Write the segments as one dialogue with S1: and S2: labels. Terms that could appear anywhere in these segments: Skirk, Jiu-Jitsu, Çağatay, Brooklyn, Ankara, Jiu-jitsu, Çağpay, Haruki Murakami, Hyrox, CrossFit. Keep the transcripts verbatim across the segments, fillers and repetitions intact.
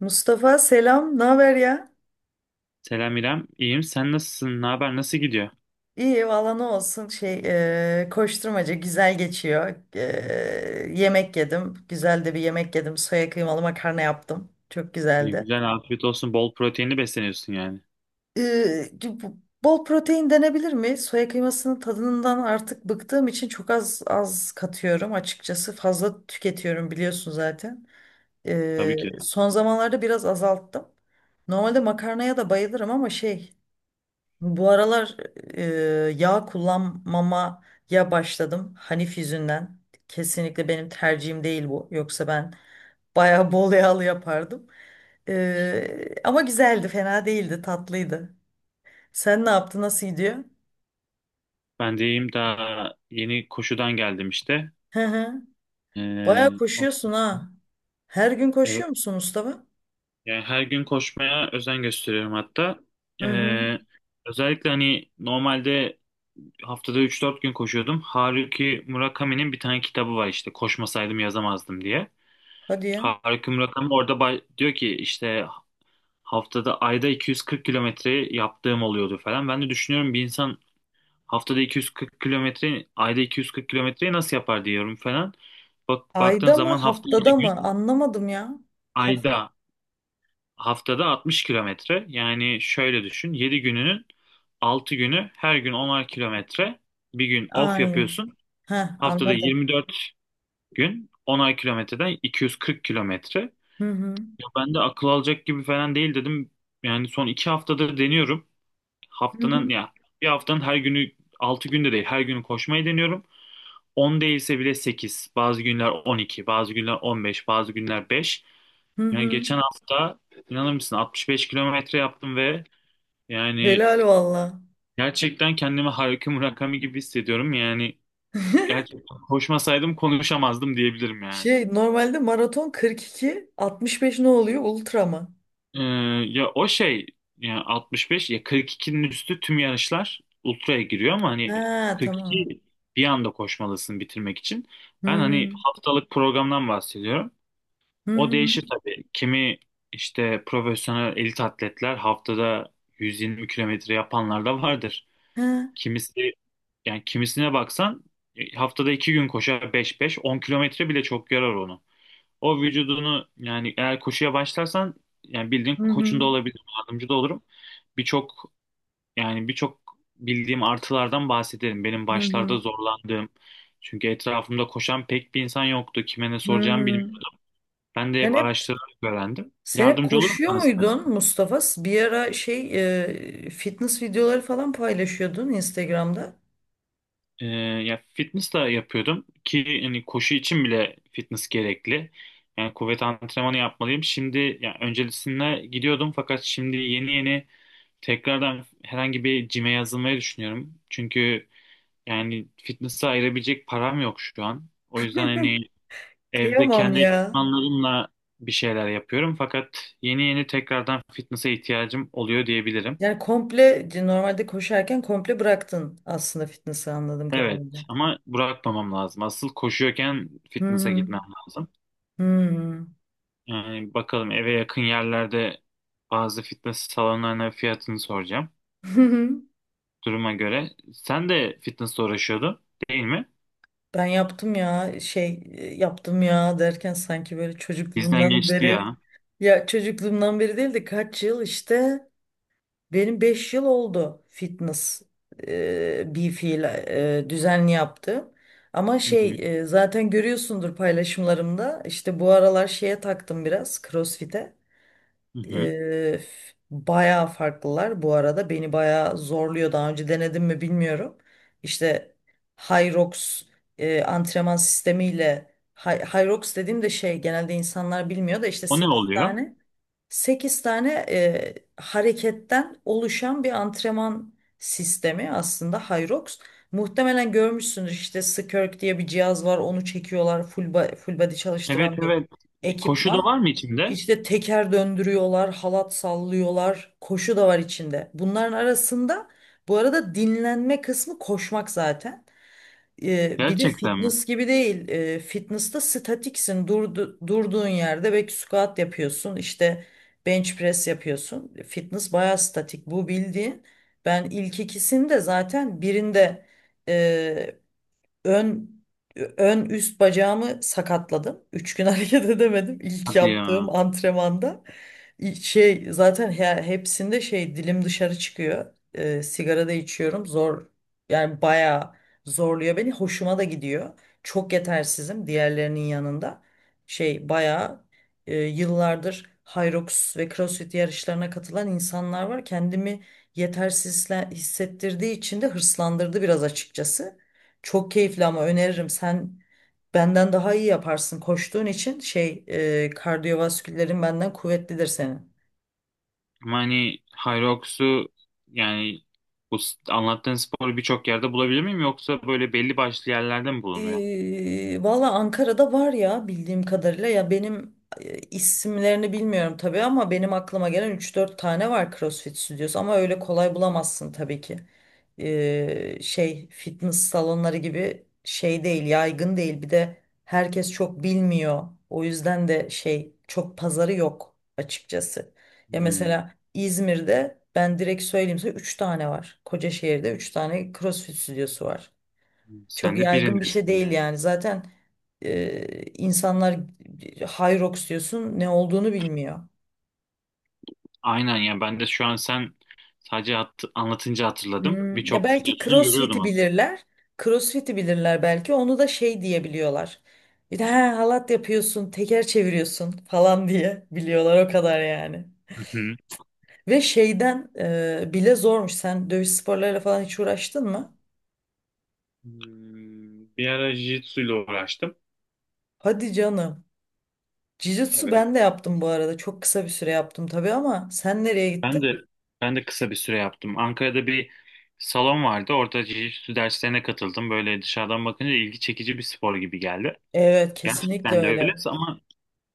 S1: Mustafa selam, ne haber ya?
S2: Selam İrem. İyiyim. Sen nasılsın? Ne haber? Nasıl gidiyor?
S1: İyi valla ne olsun şey, e, koşturmaca güzel geçiyor. E, yemek yedim, güzel de bir yemek yedim. Soya kıymalı makarna yaptım, çok
S2: İyi,
S1: güzeldi.
S2: güzel, afiyet olsun. Bol proteinli besleniyorsun yani.
S1: E, bu- Bol protein denebilir mi? Soya kıymasının tadından artık bıktığım için çok az az katıyorum açıkçası. Fazla tüketiyorum biliyorsun zaten. E,
S2: Tabii ki de.
S1: son zamanlarda biraz azalttım. Normalde makarnaya da bayılırım ama şey. Bu aralar e, yağ kullanmamaya başladım. Hanif yüzünden. Kesinlikle benim tercihim değil bu. Yoksa ben bayağı bol yağlı yapardım. E, ama güzeldi, fena değildi, tatlıydı. Sen ne yaptın, nasıl gidiyor?
S2: Ben de iyiyim. Daha yeni koşudan geldim işte.
S1: Hı hı. Bayağı
S2: Ee, ondan
S1: koşuyorsun
S2: sonra-
S1: ha. Her gün
S2: evet.
S1: koşuyor musun Mustafa?
S2: Yani her gün koşmaya özen gösteriyorum hatta.
S1: Hı hı.
S2: Ee, Özellikle hani normalde haftada üç dört gün koşuyordum. Haruki Murakami'nin bir tane kitabı var işte. Koşmasaydım yazamazdım diye.
S1: Hadi ya.
S2: Haruki Murakami orada bay- diyor ki işte haftada ayda iki yüz kırk kilometre yaptığım oluyordu falan. Ben de düşünüyorum bir insan haftada iki yüz kırk kilometre, ayda iki yüz kırk kilometreyi nasıl yapar diyorum falan. Bak baktığın
S1: Ayda mı,
S2: zaman hafta yedi
S1: haftada mı?
S2: gün,
S1: Anlamadım ya. Hafta,
S2: ayda haftada altmış kilometre. Yani şöyle düşün, yedi gününün altı günü her gün onar kilometre. Bir gün off
S1: aynen.
S2: yapıyorsun.
S1: Heh,
S2: Haftada
S1: anladım.
S2: yirmi dört gün onar kilometreden iki yüz kırk kilometre.
S1: Hı hı.
S2: Ya, ben de akıl alacak gibi falan değil dedim. Yani son iki haftadır deniyorum.
S1: Hı hı.
S2: Haftanın ya bir haftanın her günü altı günde değil her günü koşmayı deniyorum. On değilse bile sekiz, bazı günler on iki, bazı günler on beş, bazı günler beş.
S1: Hı
S2: Yani
S1: hı.
S2: geçen hafta inanır mısın altmış beş kilometre yaptım ve yani
S1: Helal valla.
S2: gerçekten kendimi Haruki Murakami gibi hissediyorum. Yani gerçekten koşmasaydım konuşamazdım diyebilirim yani.
S1: Şey normalde maraton kırk iki, altmış beş ne oluyor? Ultra mı?
S2: Ee, ya o şey ya altmış beş ya kırk ikinin üstü tüm yarışlar ultraya giriyor ama hani
S1: Ha tamam.
S2: kırk iki bir anda koşmalısın bitirmek için.
S1: Hı
S2: Ben hani
S1: hı.
S2: haftalık programdan bahsediyorum.
S1: Hı
S2: O
S1: hı.
S2: değişir tabii. Kimi işte profesyonel elit atletler haftada yüz yirmi kilometre yapanlar da vardır.
S1: Ha,
S2: Kimisi yani kimisine baksan e, haftada iki gün koşar beş beş on kilometre bile çok yarar onu. O vücudunu yani eğer koşuya başlarsan yani bildiğin
S1: hı
S2: koçun
S1: hı.
S2: da olabilirim, yardımcı da olurum. Birçok yani birçok bildiğim artılardan bahsederim. Benim
S1: Hı hı.
S2: başlarda zorlandığım. Çünkü etrafımda koşan pek bir insan yoktu. Kime ne
S1: Hı
S2: soracağımı
S1: hı.
S2: bilmiyordum. Ben de hep
S1: Sen hep
S2: araştırarak öğrendim.
S1: sen hep
S2: Yardımcı olurum
S1: koşuyor
S2: sana
S1: muydun
S2: zaten.
S1: Mustafa? Bir ara şey, e, fitness videoları falan paylaşıyordun Instagram'da.
S2: Ee, Ya fitness da yapıyordum ki hani koşu için bile fitness gerekli. Yani kuvvet antrenmanı yapmalıyım. Şimdi yani öncesinde gidiyordum fakat şimdi yeni yeni tekrardan herhangi bir cime yazılmayı düşünüyorum. Çünkü yani fitness'a ayırabilecek param yok şu an. O yüzden hani evde
S1: Kıyamam
S2: kendi
S1: ya.
S2: ekipmanlarımla bir şeyler yapıyorum. Fakat yeni yeni tekrardan fitness'a ihtiyacım oluyor diyebilirim.
S1: Yani komple normalde koşarken komple bıraktın aslında fitness'ı anladığım
S2: Evet,
S1: kadarıyla.
S2: ama bırakmamam lazım. Asıl koşuyorken
S1: Hı
S2: fitness'a
S1: hı.
S2: gitmem lazım.
S1: Hı
S2: Yani bakalım eve yakın yerlerde bazı fitness salonlarına fiyatını soracağım.
S1: hı.
S2: Duruma göre. Sen de fitness'la uğraşıyordun değil mi?
S1: Ben yaptım ya şey, e, yaptım ya derken sanki böyle
S2: Bizden
S1: çocukluğumdan
S2: geçti
S1: beri,
S2: ya.
S1: ya çocukluğumdan beri değil de kaç yıl işte benim beş yıl oldu fitness, e, bir fiil e, düzenli yaptım. Ama şey, e, zaten görüyorsundur paylaşımlarımda işte bu aralar şeye taktım biraz CrossFit'e.
S2: Hı hı.
S1: Ee, f- bayağı farklılar bu arada. Beni bayağı zorluyor. Daha önce denedim mi bilmiyorum. İşte Hyrox e, antrenman sistemiyle, Hy- Hyrox dediğim de şey, genelde insanlar bilmiyor da işte
S2: O ne
S1: sekiz
S2: oluyor?
S1: tane sekiz tane e, hareketten oluşan bir antrenman sistemi aslında Hyrox. Muhtemelen görmüşsündür işte Skirk diye bir cihaz var, onu çekiyorlar full, ba- full body
S2: Evet,
S1: çalıştıran bir
S2: evet. Koşu da var
S1: ekipman.
S2: mı içinde?
S1: İşte teker döndürüyorlar, halat sallıyorlar, koşu da var içinde. Bunların arasında bu arada dinlenme kısmı koşmak zaten. E, bir de
S2: Gerçekten mi?
S1: fitness gibi değil. E, fitness'ta statiksin. Durdu, durduğun yerde belki squat yapıyorsun. İşte bench press yapıyorsun. Fitness bayağı statik. Bu bildiğin. Ben ilk ikisini de zaten birinde ön ön üst bacağımı sakatladım. Üç gün hareket edemedim ilk
S2: Hadi
S1: yaptığım
S2: ya.
S1: antrenmanda. İ- Şey zaten he- hepsinde şey dilim dışarı çıkıyor. Ee, sigara da içiyorum. Zor, yani bayağı zorluyor beni. Hoşuma da gidiyor. Çok yetersizim diğerlerinin yanında. Şey bayağı, e, yıllardır Hyrox ve CrossFit yarışlarına katılan insanlar var. Kendimi yetersiz hisle- hissettirdiği için de hırslandırdı biraz açıkçası. Çok keyifli ama öneririm. Sen benden daha iyi yaparsın koştuğun için şey, e, kardiyovaskülerin benden kuvvetlidir senin.
S2: Ama hani Hyrox'u yani bu s- anlattığın sporu birçok yerde bulabilir miyim yoksa böyle belli başlı yerlerde mi bulunuyor?
S1: Ee, valla Ankara'da var ya bildiğim kadarıyla, ya benim e, isimlerini bilmiyorum tabii ama benim aklıma gelen üç dört tane var CrossFit stüdyosu ama öyle kolay bulamazsın tabii ki. Ee, şey fitness salonları gibi şey değil, yaygın değil, bir de herkes çok bilmiyor, o yüzden de şey çok pazarı yok açıkçası. Ya
S2: Hmm.
S1: mesela İzmir'de ben direkt söyleyeyim size üç tane var. Kocaşehir'de üç tane CrossFit stüdyosu var. Çok
S2: Sen de
S1: yaygın bir şey
S2: birindesin
S1: değil
S2: yani.
S1: yani. Zaten e, insanlar Hyrox diyorsun ne olduğunu bilmiyor.
S2: Aynen ya ben de şu an sen sadece hat- anlatınca hatırladım.
S1: Hmm, ya
S2: Birçok
S1: belki
S2: videosunu görüyordum
S1: CrossFit'i
S2: aslında.
S1: bilirler. CrossFit'i bilirler belki. Onu da şey diye biliyorlar. Bir de ha, halat yapıyorsun, teker çeviriyorsun falan diye biliyorlar o kadar yani.
S2: Hı hı.
S1: Ve şeyden e, bile zormuş. Sen dövüş sporlarıyla falan hiç uğraştın mı?
S2: Hmm, bir ara Jiu-Jitsu ile uğraştım.
S1: Hadi canım. Jiu-jitsu
S2: Evet.
S1: ben de yaptım bu arada. Çok kısa bir süre yaptım tabii ama sen nereye gittin?
S2: Ben de ben de kısa bir süre yaptım. Ankara'da bir salon vardı. Orada jiu-jitsu derslerine katıldım. Böyle dışarıdan bakınca ilgi çekici bir spor gibi geldi.
S1: Evet, kesinlikle
S2: Gerçekten de öyle
S1: öyle.
S2: ama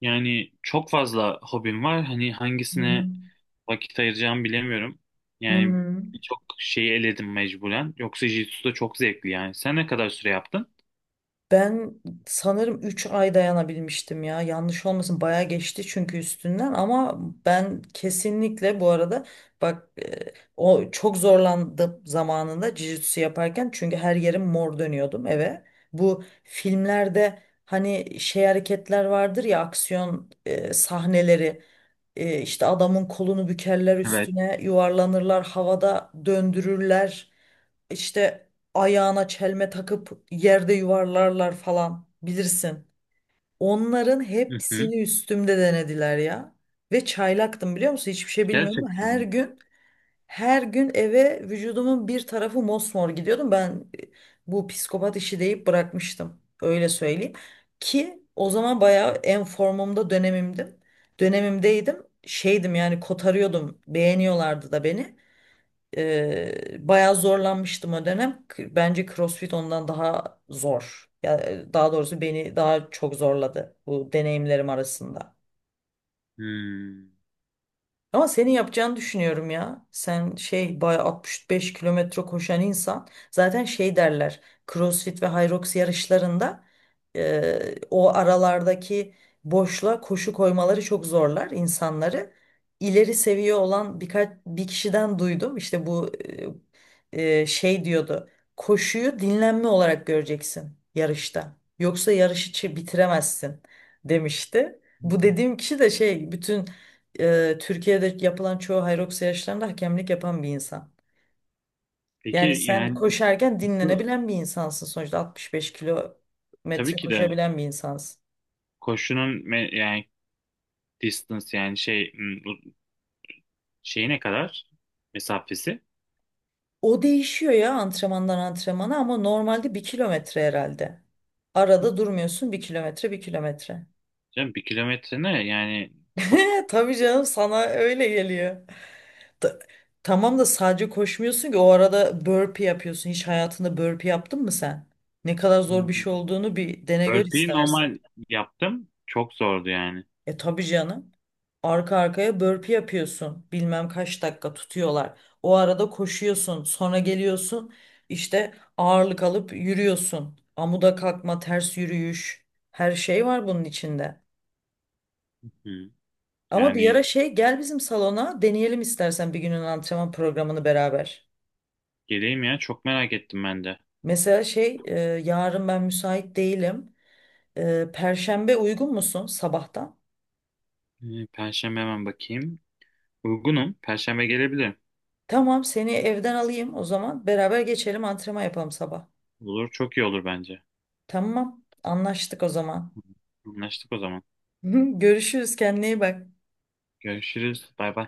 S2: yani çok fazla hobim var. Hani
S1: Hı
S2: hangisine
S1: hı.
S2: vakit ayıracağımı bilemiyorum.
S1: Hı
S2: Yani
S1: hı.
S2: birçok şeyi eledim mecburen. Yoksa jiu-jitsu da çok zevkli yani. Sen ne kadar süre yaptın?
S1: Ben sanırım üç ay dayanabilmiştim ya. Yanlış olmasın bayağı geçti çünkü üstünden, ama ben kesinlikle bu arada bak, e, o çok zorlandım zamanında jiu-jitsu yaparken çünkü her yerim mor dönüyordum eve. Bu filmlerde hani şey hareketler vardır ya, aksiyon e, sahneleri, e, işte adamın kolunu bükerler,
S2: Evet.
S1: üstüne yuvarlanırlar, havada döndürürler. İşte ayağına çelme takıp yerde yuvarlarlar falan bilirsin. Onların
S2: Hı hı.
S1: hepsini üstümde denediler ya. Ve çaylaktım biliyor musun? Hiçbir şey bilmiyordum.
S2: Gerçekten
S1: Her
S2: mi?
S1: gün her gün eve vücudumun bir tarafı mosmor gidiyordum. Ben, e, bu psikopat işi deyip bırakmıştım. Öyle söyleyeyim. Ki o zaman bayağı en formumda dönemimdim. Dönemimdeydim. Şeydim yani kotarıyordum. Beğeniyorlardı da beni. Eee bayağı zorlanmıştım o dönem. K- Bence CrossFit ondan daha zor. Ya, daha doğrusu beni daha çok zorladı bu deneyimlerim arasında.
S2: Hmm.
S1: Ama senin yapacağını düşünüyorum ya. Sen şey bayağı altmış beş kilometre koşan insan. Zaten şey derler. CrossFit ve Hyrox yarışlarında eee, o aralardaki boşluğa koşu koymaları çok zorlar insanları. İleri seviye olan birkaç bir kişiden duydum. İşte bu eee, eee, şey diyordu. Koşuyu dinlenme olarak göreceksin yarışta. Yoksa yarışı çi- bitiremezsin demişti. Bu dediğim kişi de şey, bütün e, Türkiye'de yapılan çoğu Hyrox yarışlarında hakemlik yapan bir insan.
S2: Peki
S1: Yani sen
S2: yani
S1: koşarken
S2: bu-
S1: dinlenebilen bir insansın, sonuçta altmış beş
S2: tabii
S1: kilometre
S2: ki de
S1: koşabilen bir insansın.
S2: koşunun me- yani distance yani şey hmm, şeyi ne kadar mesafesi?
S1: O değişiyor ya antrenmandan antrenmana ama normalde bir kilometre herhalde. Arada durmuyorsun, bir kilometre bir kilometre.
S2: Canım bir kilometre ne yani çok.
S1: Tabii canım sana öyle geliyor. Ta- tamam da sadece koşmuyorsun ki, o arada burpee yapıyorsun. Hiç hayatında burpee yaptın mı sen? Ne kadar zor bir şey
S2: Hmm.
S1: olduğunu bir dene gör
S2: Burpee'yi
S1: istersen.
S2: normal yaptım. Çok zordu yani.
S1: E, tabii canım. Arka arkaya burpee yapıyorsun. Bilmem kaç dakika tutuyorlar. O arada koşuyorsun. Sonra geliyorsun. İşte ağırlık alıp yürüyorsun. Amuda kalkma, ters yürüyüş. Her şey var bunun içinde.
S2: Hmm.
S1: Ama bir ara
S2: Yani
S1: şey gel bizim salona, deneyelim istersen bir günün antrenman programını beraber.
S2: geleyim ya çok merak ettim ben de.
S1: Mesela şey, e, yarın ben müsait değilim. E, Perşembe uygun musun sabahtan?
S2: Ee, Perşembe hemen bakayım. Uygunum. Perşembe gelebilirim.
S1: Tamam seni evden alayım o zaman, beraber geçelim, antrenman yapalım sabah.
S2: Olur çok iyi olur bence.
S1: Tamam. Anlaştık o zaman.
S2: Hı. Anlaştık o zaman.
S1: Görüşürüz. Kendine iyi bak.
S2: Görüşürüz. Bay bay.